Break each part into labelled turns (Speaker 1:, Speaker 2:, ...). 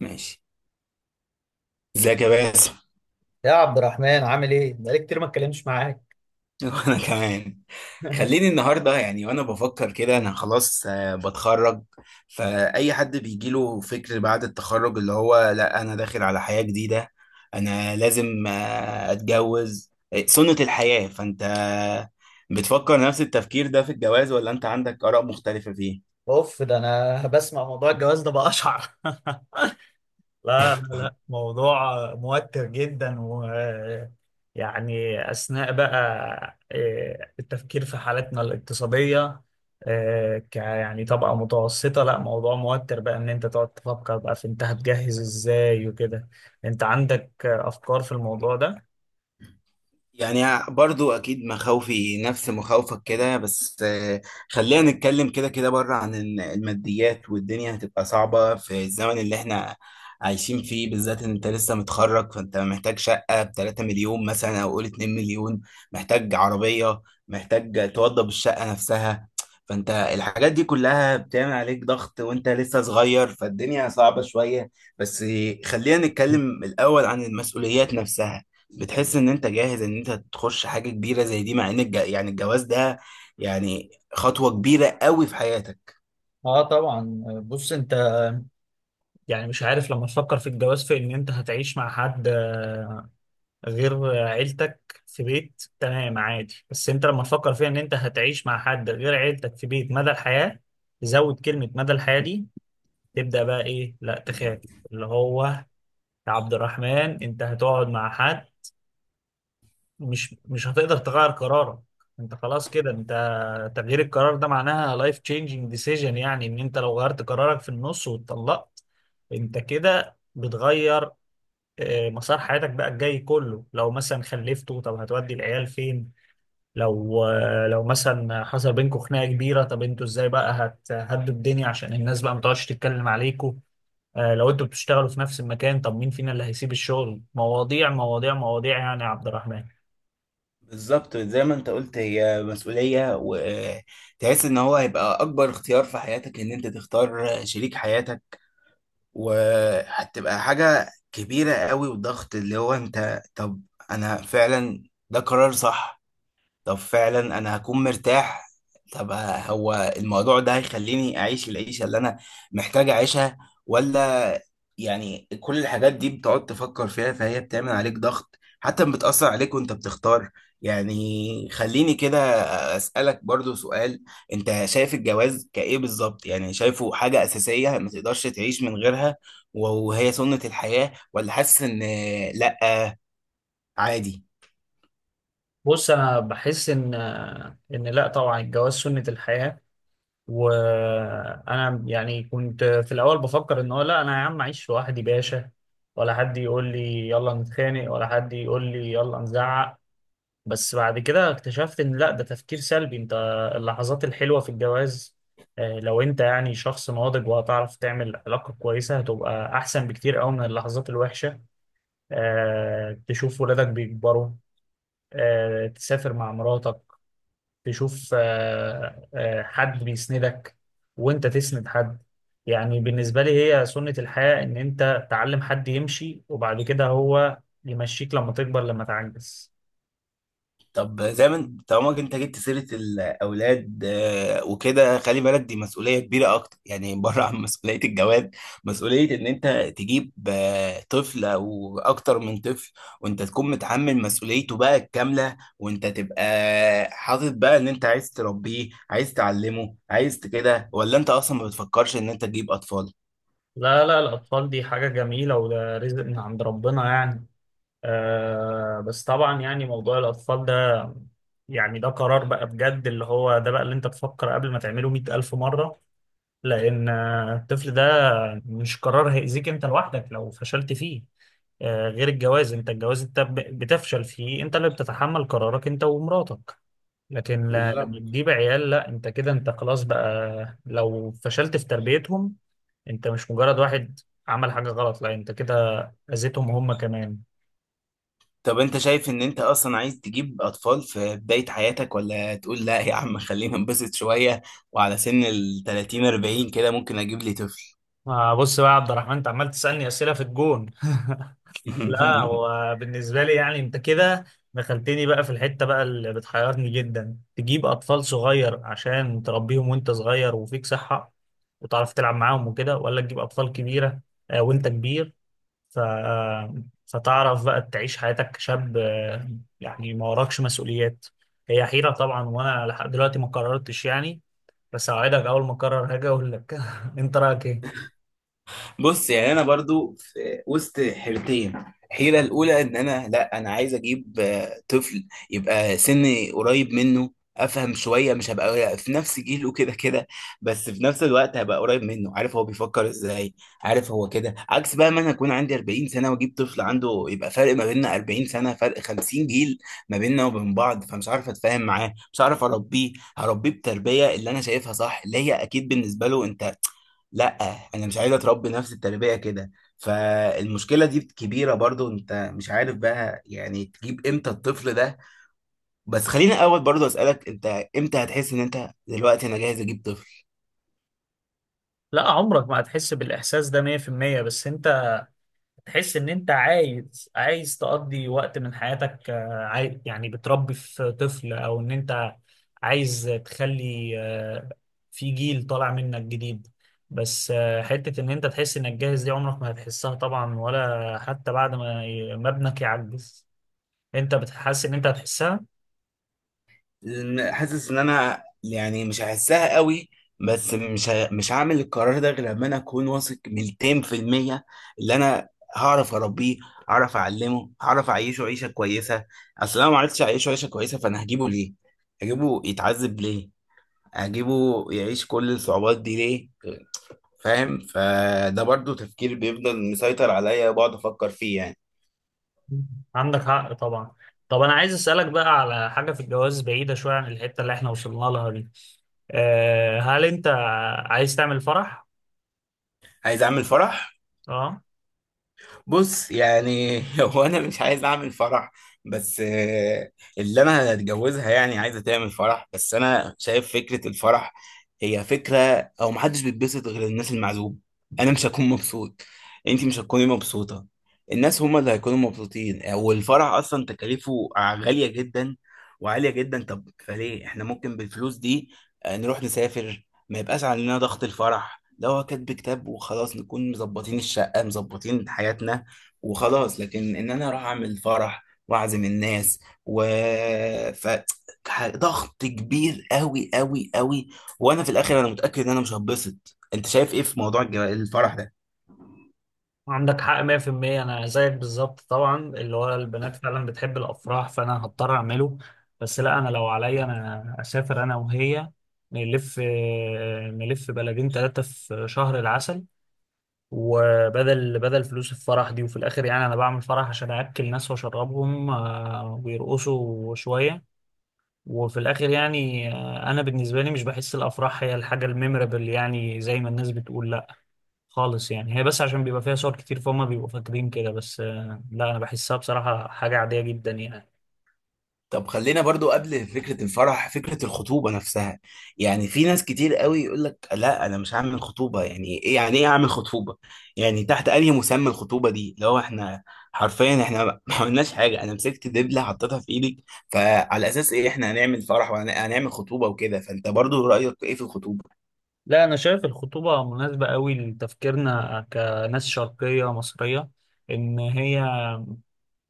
Speaker 1: ماشي. ازيك يا باسم؟
Speaker 2: يا عبد الرحمن، عامل ايه؟ بقالي كتير ما اتكلمتش معاك.
Speaker 1: وانا كمان. خليني النهارده يعني وانا بفكر كده انا خلاص، بتخرج. فاي حد بيجيله فكر بعد التخرج اللي هو لا انا داخل على حياة جديدة. انا لازم اتجوز، سنة الحياة. فانت بتفكر نفس التفكير ده في الجواز ولا انت عندك آراء مختلفة فيه؟
Speaker 2: اوف، ده انا بسمع موضوع الجواز ده بقشعر. لا لا لا، موضوع موتر جدا و يعني اثناء بقى التفكير في حالتنا الاقتصادية، آه، ك يعني طبقة متوسطة. لا، موضوع موتر بقى ان انت تقعد تفكر بقى في انت هتجهز ازاي وكده. انت عندك افكار في الموضوع ده؟
Speaker 1: يعني برضو اكيد مخاوفي نفس مخاوفك كده، بس خلينا نتكلم كده كده بره عن الماديات. والدنيا هتبقى صعبة في الزمن اللي احنا عايشين فيه، بالذات ان انت لسه متخرج. فانت محتاج شقة ب 3 مليون مثلا او قول 2 مليون، محتاج عربية، محتاج توضب الشقة نفسها. فانت الحاجات دي كلها بتعمل عليك ضغط وانت لسه صغير، فالدنيا صعبة شوية. بس خلينا نتكلم الاول عن المسؤوليات نفسها. بتحس ان انت جاهز ان انت تخش حاجه كبيره زي دي، مع ان يعني الجواز ده يعني خطوه كبيره قوي في حياتك.
Speaker 2: اه طبعا، بص انت يعني مش عارف لما تفكر في الجواز في ان انت هتعيش مع حد غير عيلتك في بيت، تمام عادي. بس انت لما تفكر في ان انت هتعيش مع حد غير عيلتك في بيت مدى الحياة، زود كلمة مدى الحياة دي، تبدأ بقى ايه؟ لا، تخاف. اللي هو يا عبد الرحمن، انت هتقعد مع حد، مش هتقدر تغير قرارك، انت خلاص كده. انت تغيير القرار ده معناها life changing decision، يعني ان انت لو غيرت قرارك في النص واتطلقت، انت كده بتغير مسار حياتك بقى الجاي كله. لو مثلا خلفتوا، طب هتودي العيال فين؟ لو مثلا حصل بينكم خناقة كبيرة، طب انتوا ازاي بقى هتهدوا الدنيا عشان الناس بقى ما تقعدش تتكلم عليكم؟ لو انتوا بتشتغلوا في نفس المكان، طب مين فينا اللي هيسيب الشغل؟ مواضيع مواضيع مواضيع يعني يا عبد الرحمن.
Speaker 1: بالظبط زي ما انت قلت، هي مسؤوليه. وتحس ان هو هيبقى اكبر اختيار في حياتك ان انت تختار شريك حياتك، وهتبقى حاجه كبيره قوي وضغط اللي هو انت. طب انا فعلا ده قرار صح؟ طب فعلا انا هكون مرتاح؟ طب هو الموضوع ده هيخليني اعيش العيشه اللي انا محتاج اعيشها ولا؟ يعني كل الحاجات دي بتقعد تفكر فيها، فهي بتعمل عليك ضغط حتى بتأثر عليك وانت بتختار. يعني خليني كده أسألك برضو سؤال. انت شايف الجواز كإيه بالظبط؟ يعني شايفه حاجة أساسية ما تقدرش تعيش من غيرها وهي سنة الحياة، ولا حاسس ان لأ عادي؟
Speaker 2: بص انا بحس ان لا، طبعا الجواز سنة الحياة. وانا يعني كنت في الاول بفكر ان هو لا، انا يا عم اعيش لوحدي باشا، ولا حد يقول لي يلا نتخانق، ولا حد يقول لي يلا نزعق. بس بعد كده اكتشفت ان لا، ده تفكير سلبي. انت اللحظات الحلوة في الجواز، لو انت يعني شخص ناضج وهتعرف تعمل علاقة كويسة، هتبقى احسن بكتير قوي من اللحظات الوحشة. تشوف ولادك بيكبروا، تسافر مع مراتك، تشوف حد بيسندك وانت تسند حد. يعني بالنسبة لي هي سنة الحياة، ان انت تعلم حد يمشي وبعد كده هو يمشيك لما تكبر لما تعجز.
Speaker 1: طب زي ما طالما انت جبت سيرة الأولاد، وكده خلي بالك دي مسؤولية كبيرة أكتر. يعني بره عن مسؤولية الجواز، مسؤولية إن أنت تجيب طفل أو أكتر من طفل، وأنت تكون متحمل مسؤوليته بقى الكاملة، وأنت تبقى حاطط بقى إن أنت عايز تربيه، عايز تعلمه، عايز كده. ولا أنت أصلا ما بتفكرش إن أنت تجيب أطفال؟
Speaker 2: لا لا، الأطفال دي حاجة جميلة وده رزق من عند ربنا يعني. بس طبعا، يعني موضوع الأطفال ده، يعني ده قرار بقى بجد، اللي هو ده بقى اللي انت تفكر قبل ما تعمله 100,000 مرة، لأن الطفل ده مش قرار هيأذيك أنت لوحدك لو فشلت فيه. غير الجواز، أنت الجواز أنت بتفشل فيه، أنت اللي بتتحمل قرارك أنت ومراتك. لكن لما تجيب عيال، لا أنت كده، أنت خلاص بقى لو فشلت في تربيتهم، أنت مش مجرد واحد عمل حاجة غلط، لا أنت كده أذيتهم هم كمان.
Speaker 1: طب انت شايف ان انت اصلا عايز تجيب اطفال في بداية حياتك، ولا تقول لا يا عم خلينا نبسط شوية وعلى سن ال 30 40 كده ممكن اجيب لي طفل؟
Speaker 2: بص بقى يا عبد الرحمن، أنت عمال تسألني أسئلة في الجون. لا، هو بالنسبة لي يعني انت كده دخلتني بقى في الحتة بقى اللي بتحيرني جدا: تجيب أطفال صغير عشان تربيهم وانت صغير وفيك صحة وتعرف تلعب معاهم وكده، ولا تجيب أطفال كبيرة وانت كبير، ف... آه، فتعرف بقى تعيش حياتك كشاب، يعني ما وراكش مسؤوليات. هي حيرة طبعا، وانا لحد دلوقتي ما قررتش يعني. بس اوعدك اول ما اقرر هاجي اقول لك. انت رأيك ايه؟
Speaker 1: بص يعني انا برضو في وسط حيرتين. الحيره الاولى ان انا لا، انا عايز اجيب طفل يبقى سني قريب منه، افهم شويه، مش هبقى في نفس جيله كده كده. بس في نفس الوقت هبقى قريب منه، عارف هو بيفكر ازاي، عارف هو كده. عكس بقى ما انا اكون عندي 40 سنه واجيب طفل عنده، يبقى فرق ما بيننا 40 سنه فرق 50 جيل ما بيننا وبين بعض، فمش عارف اتفاهم معاه، مش عارف اربيه. هربيه بتربيه اللي انا شايفها صح، اللي هي اكيد بالنسبه له انت لا، انا مش عايز اتربي نفس التربيه كده. فالمشكله دي كبيره برضو، انت مش عارف بقى يعني تجيب امتى الطفل ده. بس خليني اول برضو اسالك انت، امتى هتحس ان انت دلوقتي انا جاهز اجيب طفل؟
Speaker 2: لا، عمرك ما هتحس بالإحساس ده 100%، بس انت تحس ان انت عايز تقضي وقت من حياتك، يعني بتربي في طفل، او ان انت عايز تخلي في جيل طالع منك جديد. بس حتة ان انت تحس انك جاهز دي عمرك ما هتحسها طبعا، ولا حتى بعد ما ما ابنك يعجز انت بتحس ان انت هتحسها.
Speaker 1: لأن حاسس ان انا يعني مش هحسها قوي. بس مش هعمل القرار ده غير لما انا اكون واثق 200%. اللي انا هعرف اربيه، هعرف اعلمه، هعرف اعيشه عيشه كويسه. اصل انا ما عرفتش اعيشه عيشه كويسه، فانا هجيبه ليه؟ هجيبه يتعذب ليه؟ هجيبه يعيش كل الصعوبات دي ليه؟ فاهم؟ فده برضو تفكير بيفضل مسيطر عليا وبقعد افكر فيه يعني.
Speaker 2: عندك حق طبعا. طب انا عايز اسالك بقى على حاجه في الجواز بعيده شويه عن الحته اللي احنا وصلنا لها دي. هل انت عايز تعمل فرح؟
Speaker 1: عايز اعمل فرح.
Speaker 2: اه،
Speaker 1: بص يعني هو انا مش عايز اعمل فرح، بس اللي انا هتجوزها يعني عايزه تعمل فرح. بس انا شايف فكره الفرح هي فكره، او محدش بيتبسط غير الناس المعزوب. انا مش هكون مبسوط، انت مش هتكوني مبسوطه، الناس هما اللي هيكونوا مبسوطين. والفرح اصلا تكاليفه غاليه جدا وعاليه جدا. طب فليه احنا ممكن بالفلوس دي نروح نسافر، ما يبقاش علينا ضغط الفرح؟ لو هو كاتب كتاب وخلاص، نكون مظبطين الشقة، مظبطين حياتنا وخلاص. لكن ان انا اروح اعمل فرح واعزم الناس، و ف ضغط كبير قوي قوي قوي. وانا في الاخر انا متاكد ان انا مش هتبسط. انت شايف ايه في موضوع الفرح ده؟
Speaker 2: عندك حق 100%. انا زيك بالظبط طبعا، اللي هو البنات فعلا بتحب الافراح فانا هضطر اعمله. بس لا، انا لو عليا انا اسافر انا وهي، نلف نلف بلدين ثلاثة في شهر العسل، وبدل فلوس الفرح دي. وفي الاخر يعني انا بعمل فرح عشان اكل ناس واشربهم ويرقصوا شوية. وفي الاخر يعني انا بالنسبة لي مش بحس الافراح هي الحاجة الميمورable، يعني زي ما الناس بتقول خالص. يعني هي بس عشان بيبقى فيها صور كتير فهم بيبقوا فاكرين كده بس. لا انا بحسها بصراحة حاجة عادية جدا يعني.
Speaker 1: طب خلينا برضو قبل فكرة الفرح فكرة الخطوبة نفسها. يعني في ناس كتير قوي يقول لك لا، أنا مش هعمل خطوبة، يعني إيه يعني إيه أعمل خطوبة؟ يعني تحت أنهي مسمى الخطوبة دي لو إحنا حرفيا إحنا ما ما عملناش حاجة؟ أنا مسكت دبلة حطيتها في إيدك، فعلى أساس إيه إحنا هنعمل فرح وهنعمل خطوبة وكده؟ فأنت برضو رأيك إيه في الخطوبة؟
Speaker 2: لا، انا شايف الخطوبة مناسبة قوي لتفكيرنا كناس شرقية مصرية، ان هي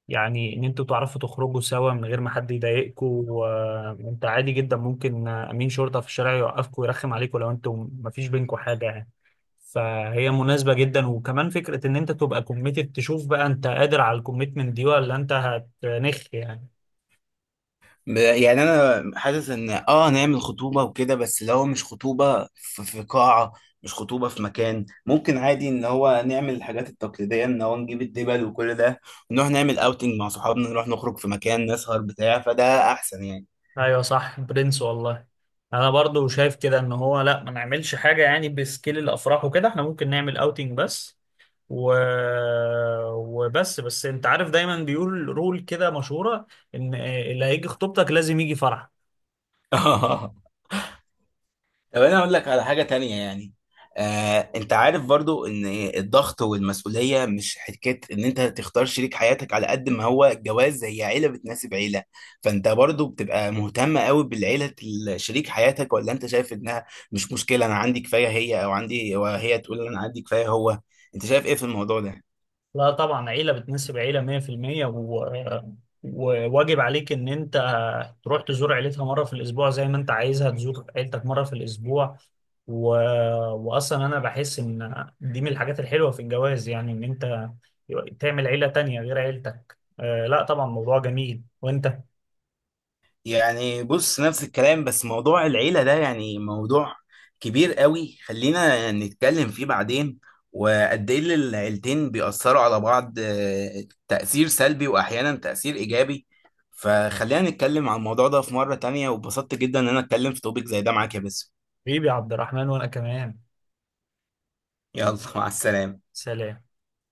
Speaker 2: يعني ان انتوا تعرفوا تخرجوا سوا من غير ما حد يضايقكم. وانت عادي جدا ممكن امين شرطة في الشارع يوقفكم ويرخم عليكم لو انتوا مفيش بينكم حاجة يعني. فهي مناسبة جدا، وكمان فكرة ان انت تبقى كوميتد، تشوف بقى انت قادر على الكوميتمنت دي ولا انت هتنخ يعني.
Speaker 1: يعني انا حاسس ان نعمل خطوبه وكده، بس اللي هو مش خطوبه في قاعه، مش خطوبه في مكان. ممكن عادي ان هو نعمل الحاجات التقليديه، ان هو نجيب الدبل وكل ده، ونروح نعمل اوتنج مع صحابنا، نروح نخرج في مكان نسهر بتاع. فده احسن يعني.
Speaker 2: ايوه صح برنس والله. انا برضو شايف كده، ان هو لا ما نعملش حاجه يعني بسكيل الافراح وكده، احنا ممكن نعمل اوتنج بس. و... وبس انت عارف دايما بيقول رول كده مشهوره، ان اللي هيجي خطوبتك لازم يجي فرح.
Speaker 1: طب انا اقول لك على حاجه تانية يعني. انت عارف برضو ان الضغط والمسؤوليه مش حكايه ان انت تختار شريك حياتك. على قد ما هو الجواز، هي عيله بتناسب عيله. فانت برضو بتبقى مهتم قوي بالعيله شريك حياتك؟ ولا انت شايف انها مش مشكله، انا عندي كفايه هي، او عندي وهي تقول انا عندي كفايه هو؟ انت شايف ايه في الموضوع ده؟
Speaker 2: لا طبعا، عيلة بتناسب عيلة 100%. وواجب عليك ان انت تروح تزور عيلتها مرة في الاسبوع زي ما انت عايزها تزور عيلتك مرة في الاسبوع. و... واصلا انا بحس ان دي من الحاجات الحلوة في الجواز، يعني ان انت تعمل عيلة تانية غير عيلتك. لا طبعا، موضوع جميل. وانت
Speaker 1: يعني بص نفس الكلام، بس موضوع العيلة ده يعني موضوع كبير قوي، خلينا نتكلم فيه بعدين. وقد ايه اللي العيلتين بيأثروا على بعض، تأثير سلبي وأحيانا تأثير إيجابي. فخلينا نتكلم عن الموضوع ده في مرة تانية. وبسطت جدا إن أنا أتكلم في توبيك زي ده معاك يا باسم.
Speaker 2: حبيبي عبد الرحمن وانا كمان.
Speaker 1: يلا مع السلامة.
Speaker 2: سلام.